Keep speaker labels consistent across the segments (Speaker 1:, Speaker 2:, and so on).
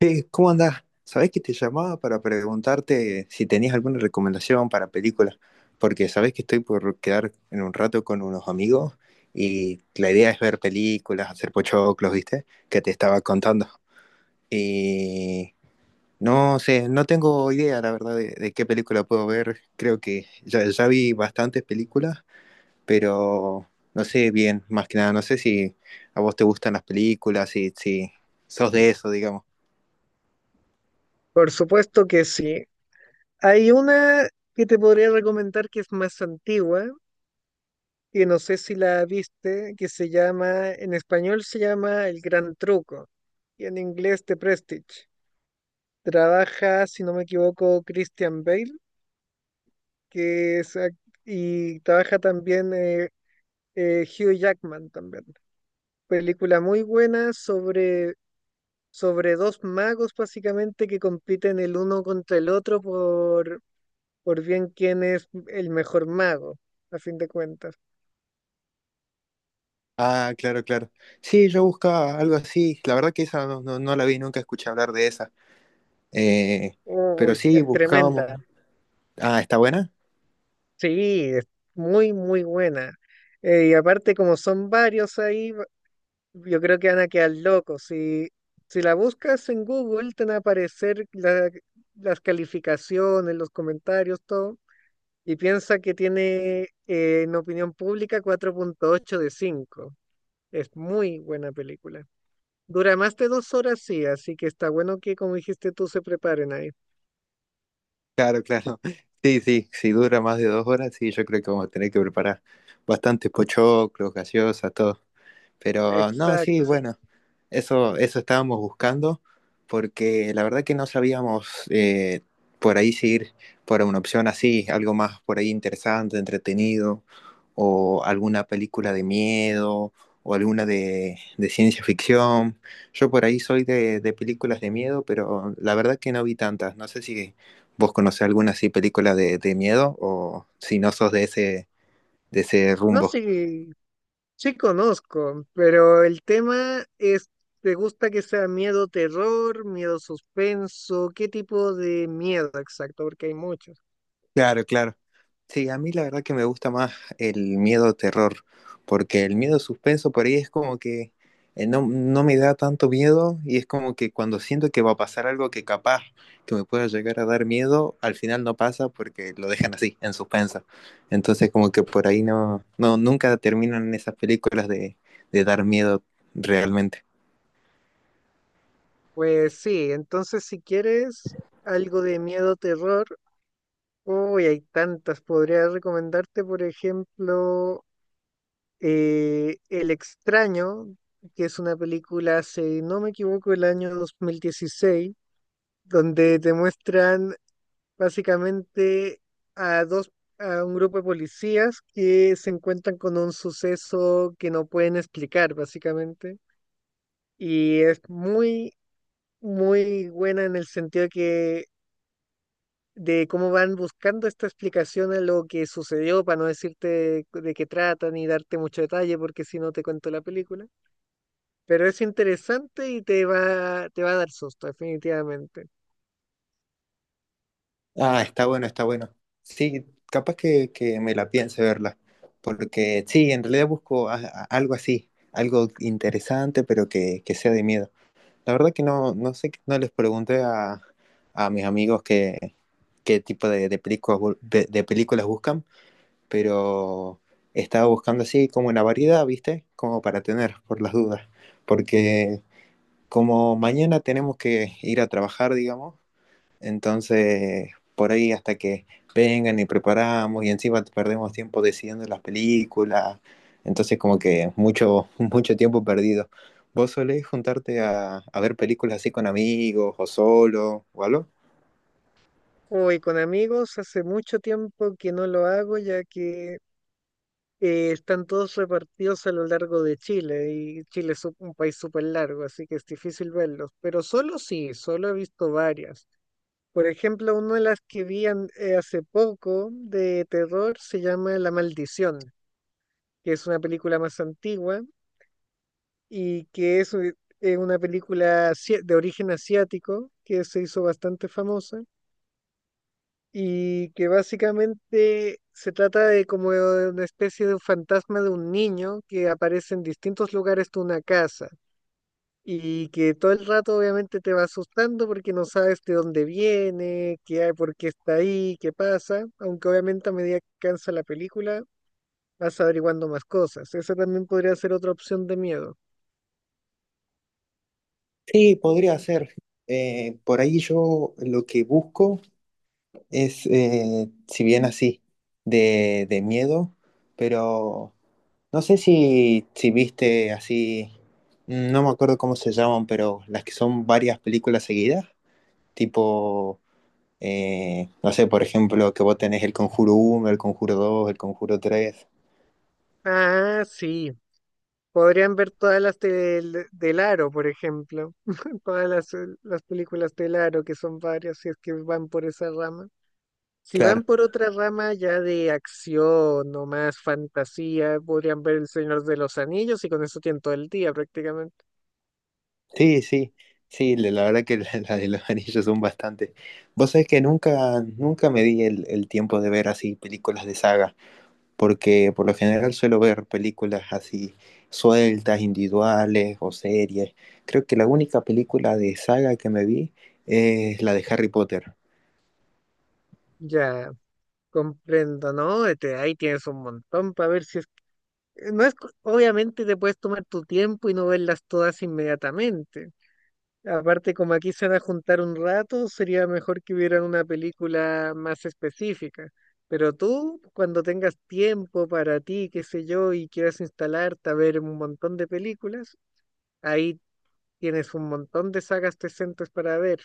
Speaker 1: Hey, ¿cómo andás? Sabés que te llamaba para preguntarte si tenías alguna recomendación para películas, porque sabés que estoy por quedar en un rato con unos amigos y la idea es ver películas, hacer pochoclos, ¿viste? Que te estaba contando. Y no sé, no tengo idea, la verdad, de qué película puedo ver. Creo que ya vi bastantes películas, pero no sé bien, más que nada, no sé si a vos te gustan las películas, si sos de eso, digamos.
Speaker 2: Por supuesto que sí. Hay una que te podría recomendar que es más antigua, que no sé si la viste, que se llama, en español se llama El Gran Truco y en inglés The Prestige. Trabaja, si no me equivoco, Christian Bale, que es, ac- y trabaja también Hugh Jackman también. Película muy buena sobre dos magos básicamente que compiten el uno contra el otro por bien quién es el mejor mago, a fin de cuentas.
Speaker 1: Ah, claro, claro. Sí, yo buscaba algo así. La verdad que esa no no la vi, nunca escuché hablar de esa. Eh, pero
Speaker 2: Uy,
Speaker 1: sí,
Speaker 2: es
Speaker 1: buscábamos.
Speaker 2: tremenda.
Speaker 1: Ah, ¿está buena?
Speaker 2: Sí, es muy, muy buena. Y aparte, como son varios ahí, yo creo que van a quedar locos. Si, si la buscas en Google, te van a aparecer las calificaciones, los comentarios, todo. Y piensa que tiene en opinión pública 4,8 de 5. Es muy buena película. Dura más de 2 horas, sí, así que está bueno que, como dijiste tú, se preparen ahí.
Speaker 1: Claro, claro. Sí, sí, si dura más de dos horas, sí, yo creo que vamos a tener que preparar bastantes pochoclos, gaseosas, todo. Pero no, sí,
Speaker 2: Exacto, sí.
Speaker 1: bueno, eso estábamos buscando porque la verdad que no sabíamos por ahí si ir por una opción así, algo más por ahí interesante, entretenido, o alguna película de miedo, o alguna de ciencia ficción. Yo por ahí soy de películas de miedo, pero la verdad que no vi tantas. No sé si vos conocés alguna así película de miedo o si no sos de ese
Speaker 2: No,
Speaker 1: rumbo.
Speaker 2: sí, sí conozco, pero el tema es, ¿te gusta que sea miedo terror, miedo suspenso? ¿Qué tipo de miedo exacto? Porque hay muchos.
Speaker 1: Claro, claro. Sí, a mí la verdad que me gusta más el miedo terror, porque el miedo suspenso por ahí es como que no me da tanto miedo y es como que cuando siento que va a pasar algo que capaz que me pueda llegar a dar miedo, al final no pasa porque lo dejan así, en suspenso. Entonces como que por ahí no nunca terminan esas películas de dar miedo realmente.
Speaker 2: Pues sí, entonces si quieres algo de miedo terror, uy, hay tantas. Podría recomendarte, por ejemplo, El extraño, que es una película, si no me equivoco, el año 2016 donde te muestran básicamente a dos, a un grupo de policías que se encuentran con un suceso que no pueden explicar, básicamente. Y es muy, muy buena en el sentido que de cómo van buscando esta explicación a lo que sucedió, para no decirte de qué trata ni darte mucho detalle, porque si no te cuento la película. Pero es interesante y te va a dar susto, definitivamente.
Speaker 1: Ah, está bueno, está bueno. Sí, capaz que me la piense verla, porque sí, en realidad busco algo así, algo interesante, pero que sea de miedo. La verdad que no, no sé, no les pregunté a mis amigos qué, qué tipo de películas, de películas buscan, pero estaba buscando así como una variedad, ¿viste? Como para tener, por las dudas, porque como mañana tenemos que ir a trabajar, digamos. Entonces, por ahí hasta que vengan y preparamos y encima perdemos tiempo decidiendo las películas. Entonces, como que mucho, mucho tiempo perdido. ¿Vos solés juntarte a ver películas así con amigos o solo o algo?
Speaker 2: Hoy con amigos hace mucho tiempo que no lo hago, ya que están todos repartidos a lo largo de Chile, y Chile es un país súper largo, así que es difícil verlos. Pero solo sí, solo he visto varias. Por ejemplo, una de las que hace poco de terror se llama La Maldición, que es una película más antigua y que eso es una película de origen asiático que se hizo bastante famosa y que básicamente se trata de como de una especie de un fantasma de un niño que aparece en distintos lugares de una casa y que todo el rato obviamente te va asustando porque no sabes de dónde viene, qué hay, por qué está ahí, qué pasa, aunque obviamente a medida que cansa la película vas averiguando más cosas. Esa también podría ser otra opción de miedo.
Speaker 1: Sí, podría ser. Por ahí yo lo que busco es, si bien así, de miedo, pero no sé si viste así, no me acuerdo cómo se llaman, pero las que son varias películas seguidas, tipo, no sé, por ejemplo, que vos tenés el Conjuro uno, el Conjuro dos, el Conjuro tres.
Speaker 2: Ah, sí. Podrían ver todas las del Aro, por ejemplo, todas las películas del Aro, que son varias, si es que van por esa rama. Si van
Speaker 1: Claro,
Speaker 2: por otra rama ya de acción o más fantasía, podrían ver El Señor de los Anillos, y con eso tienen todo el día prácticamente.
Speaker 1: sí, sí, sí, la verdad que las de los anillos son bastante. Vos sabés que nunca me di el tiempo de ver así películas de saga, porque por lo general suelo ver películas así sueltas, individuales o series. Creo que la única película de saga que me vi es la de Harry Potter.
Speaker 2: Ya, comprendo, ¿no? Este, ahí tienes un montón para ver si es... No es, co- Obviamente te puedes tomar tu tiempo y no verlas todas inmediatamente. Aparte, como aquí se van a juntar un rato, sería mejor que vieran una película más específica. Pero tú, cuando tengas tiempo para ti, qué sé yo, y quieras instalarte a ver un montón de películas, ahí tienes un montón de sagas decentes para ver.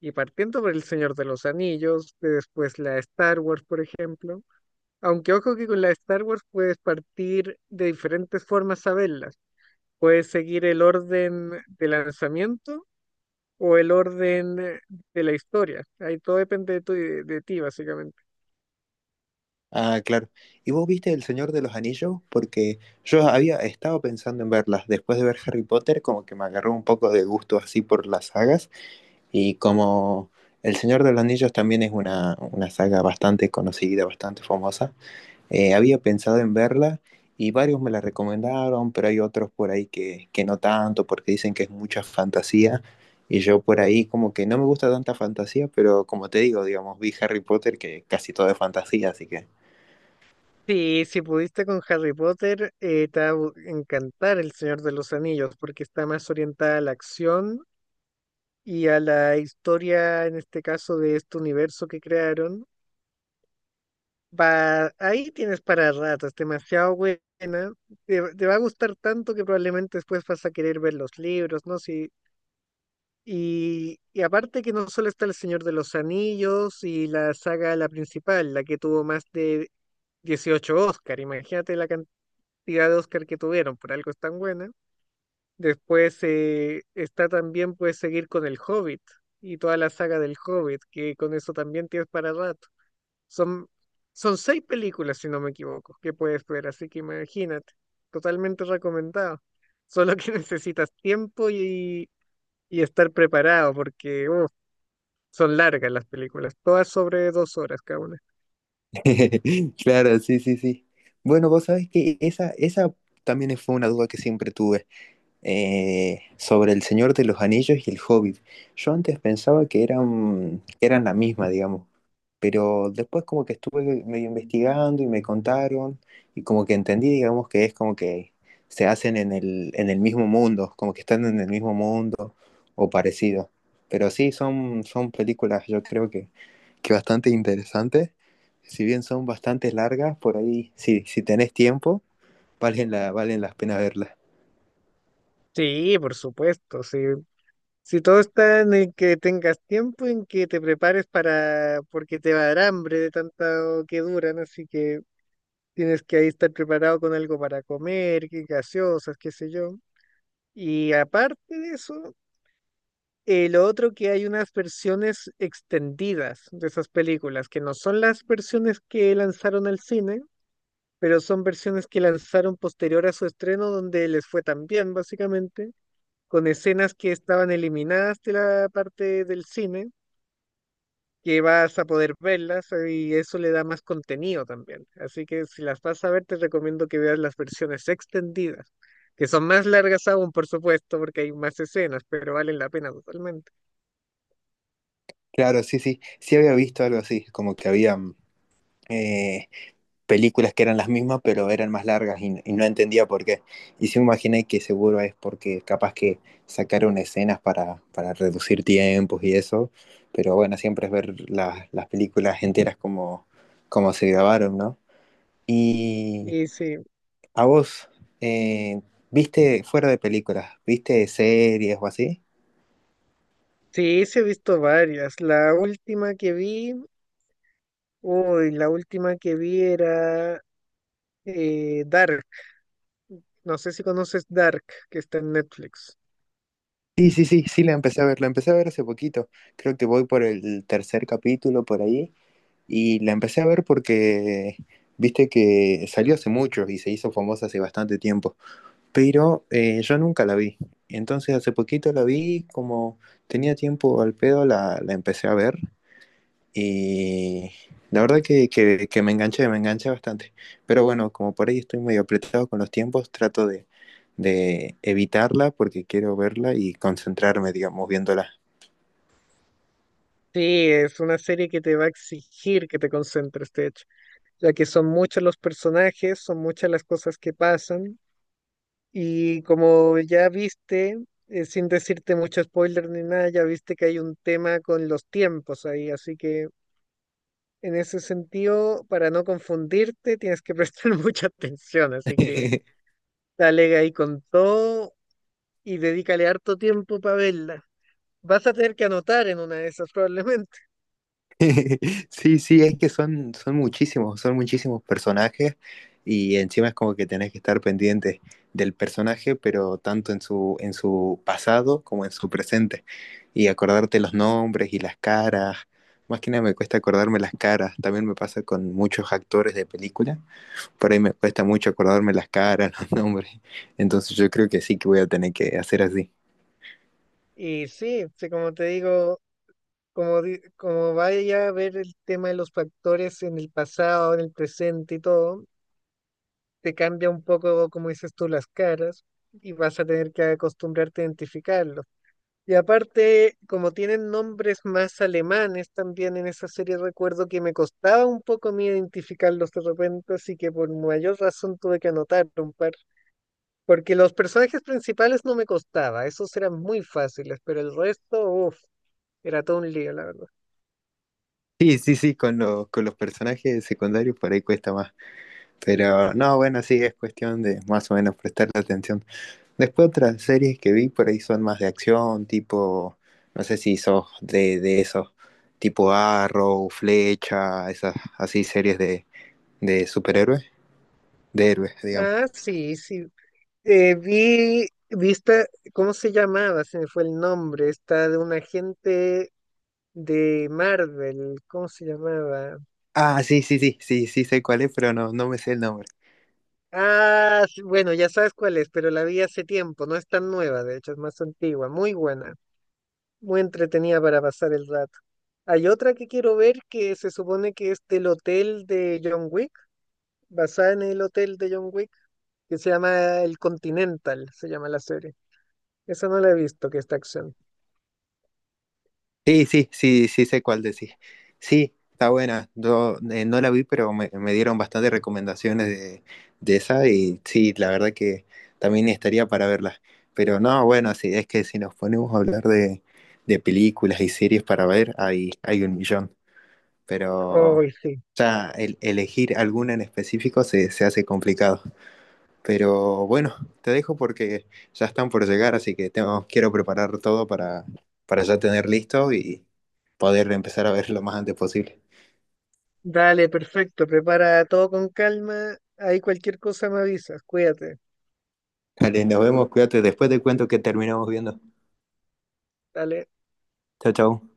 Speaker 2: Y partiendo por El Señor de los Anillos, de después la Star Wars, por ejemplo. Aunque ojo que con la Star Wars puedes partir de diferentes formas a verlas. Puedes seguir el orden de lanzamiento o el orden de la historia. Ahí todo depende de ti, básicamente.
Speaker 1: Ah, claro. ¿Y vos viste El Señor de los Anillos? Porque yo había estado pensando en verlas. Después de ver Harry Potter, como que me agarró un poco de gusto así por las sagas. Y como El Señor de los Anillos también es una saga bastante conocida, bastante famosa, había pensado en verla y varios me la recomendaron, pero hay otros por ahí que no tanto porque dicen que es mucha fantasía. Y yo por ahí como que no me gusta tanta fantasía, pero como te digo, digamos, vi Harry Potter que casi todo es fantasía, así que...
Speaker 2: Sí, si pudiste con Harry Potter, te va a encantar El Señor de los Anillos, porque está más orientada a la acción y a la historia, en este caso, de este universo que crearon. Va, ahí tienes para rato, es demasiado buena. Te va a gustar tanto que probablemente después vas a querer ver los libros, ¿no? Si, Y aparte que no solo está El Señor de los Anillos y la saga, la principal, la que tuvo más de 18 Oscar, imagínate la cantidad de Oscar que tuvieron, por algo es tan buena. Después está también, puedes seguir con El Hobbit y toda la saga del Hobbit, que con eso también tienes para rato. Son, son seis películas, si no me equivoco, que puedes ver, así que imagínate, totalmente recomendado. Solo que necesitas tiempo y estar preparado, porque son largas las películas, todas sobre 2 horas cada una.
Speaker 1: Claro, sí, sí, sí. Bueno, vos sabés que esa también fue una duda que siempre tuve, sobre El Señor de los Anillos y El Hobbit. Yo antes pensaba que eran la misma, digamos, pero después como que estuve medio investigando y me contaron y como que entendí, digamos, que es como que se hacen en el mismo mundo, como que están en el mismo mundo o parecido. Pero sí, son, son películas, yo creo que bastante interesantes. Si bien son bastante largas, por ahí, si tenés tiempo, valen valen las pena verlas.
Speaker 2: Sí, por supuesto, sí. Si todo está en que tengas tiempo, en que te prepares, para porque te va a dar hambre de tanto que duran, así que tienes que ahí estar preparado con algo para comer, que gaseosas, qué sé yo. Y aparte de eso, lo otro que hay unas versiones extendidas de esas películas, que no son las versiones que lanzaron al cine, pero son versiones que lanzaron posterior a su estreno donde les fue tan bien, básicamente, con escenas que estaban eliminadas de la parte del cine, que vas a poder verlas y eso le da más contenido también. Así que si las vas a ver, te recomiendo que veas las versiones extendidas, que son más largas aún, por supuesto, porque hay más escenas, pero valen la pena totalmente.
Speaker 1: Claro, sí, sí. Sí había visto algo así, como que había eh, películas que eran las mismas, pero eran más largas y no entendía por qué. Y sí me imaginé que seguro es porque capaz que sacaron escenas para reducir tiempos y eso, pero bueno, siempre es ver las películas enteras como, como se grabaron, ¿no? Y
Speaker 2: Y sí,
Speaker 1: a vos, eh, ¿viste fuera de películas? ¿Viste series o así?
Speaker 2: sí, sí he visto varias. La última que vi, uy, la última que vi era Dark. No sé si conoces Dark, que está en Netflix.
Speaker 1: Sí, sí, sí, sí, la empecé a ver, la empecé a ver hace poquito. Creo que voy por el tercer capítulo por ahí. Y la empecé a ver porque, viste que salió hace mucho y se hizo famosa hace bastante tiempo. Pero yo nunca la vi. Entonces hace poquito la vi, como tenía tiempo al pedo, la empecé a ver. Y la verdad que, que me enganché bastante. Pero bueno, como por ahí estoy medio apretado con los tiempos, trato de evitarla porque quiero verla y concentrarme, digamos, viéndola.
Speaker 2: Sí, es una serie que te va a exigir que te concentres, de hecho, ya que son muchos los personajes, son muchas las cosas que pasan, y como ya viste, sin decirte mucho spoiler ni nada, ya viste que hay un tema con los tiempos ahí, así que en ese sentido, para no confundirte, tienes que prestar mucha atención, así que dale ahí con todo y dedícale harto tiempo para verla. Vas a tener que anotar en una de esas probablemente.
Speaker 1: Sí, sí, es que son, son muchísimos personajes y encima es como que tenés que estar pendiente del personaje, pero tanto en su pasado como en su presente y acordarte los nombres y las caras. Más que nada me cuesta acordarme las caras, también me pasa con muchos actores de película, por ahí me cuesta mucho acordarme las caras, los nombres, entonces yo creo que sí que voy a tener que hacer así.
Speaker 2: Y sí, sí, como te digo, como vaya a ver el tema de los factores en el pasado, en el presente y todo, te cambia un poco, como dices tú, las caras, y vas a tener que acostumbrarte a identificarlos. Y aparte, como tienen nombres más alemanes también en esa serie, recuerdo que me costaba un poco a mí identificarlos de repente, así que por mayor razón tuve que anotar un par. Porque los personajes principales no me costaba, esos eran muy fáciles, pero el resto, uff. Era todo un lío, la verdad.
Speaker 1: Sí, sí, sí, con con los personajes secundarios por ahí cuesta más. Pero no, bueno, sí, es cuestión de más o menos prestarle atención. Después otras series que vi por ahí son más de acción, tipo, no sé si sos de esos, tipo Arrow, Flecha, esas así series de superhéroes, de héroes, digamos.
Speaker 2: Ah, sí, sí. Vi, ¿cómo se llamaba? Se me fue el nombre. Está de un agente de Marvel. ¿Cómo se llamaba?
Speaker 1: Ah, sí, sí, sí, sí, sí sé cuál es, pero no, no me sé el nombre.
Speaker 2: Ah, sí, bueno, ya sabes cuál es, pero la vi hace tiempo. No es tan nueva, de hecho, es más antigua. Muy buena. Muy entretenida para pasar el rato. Hay otra que quiero ver que se supone que es del hotel de John Wick, basada en el hotel de John Wick, que se llama El Continental, se llama la serie. Esa no la he visto, que está acción.
Speaker 1: Sí, sí, sí, sí sé cuál decís. Sí, está buena. Yo no la vi, pero me dieron bastantes recomendaciones de esa y sí, la verdad que también estaría para verla. Pero no, bueno, sí, es que si nos ponemos a hablar de películas y series para ver, hay un millón.
Speaker 2: Hoy
Speaker 1: Pero
Speaker 2: sí.
Speaker 1: ya elegir alguna en específico se hace complicado. Pero bueno, te dejo porque ya están por llegar, así que tengo, quiero preparar todo para ya tener listo y poder empezar a ver lo más antes posible.
Speaker 2: Dale, perfecto. Prepara todo con calma. Ahí cualquier cosa me avisas. Cuídate.
Speaker 1: Dale, nos vemos, cuídate, después te cuento que terminamos viendo.
Speaker 2: Dale.
Speaker 1: Chao, chao.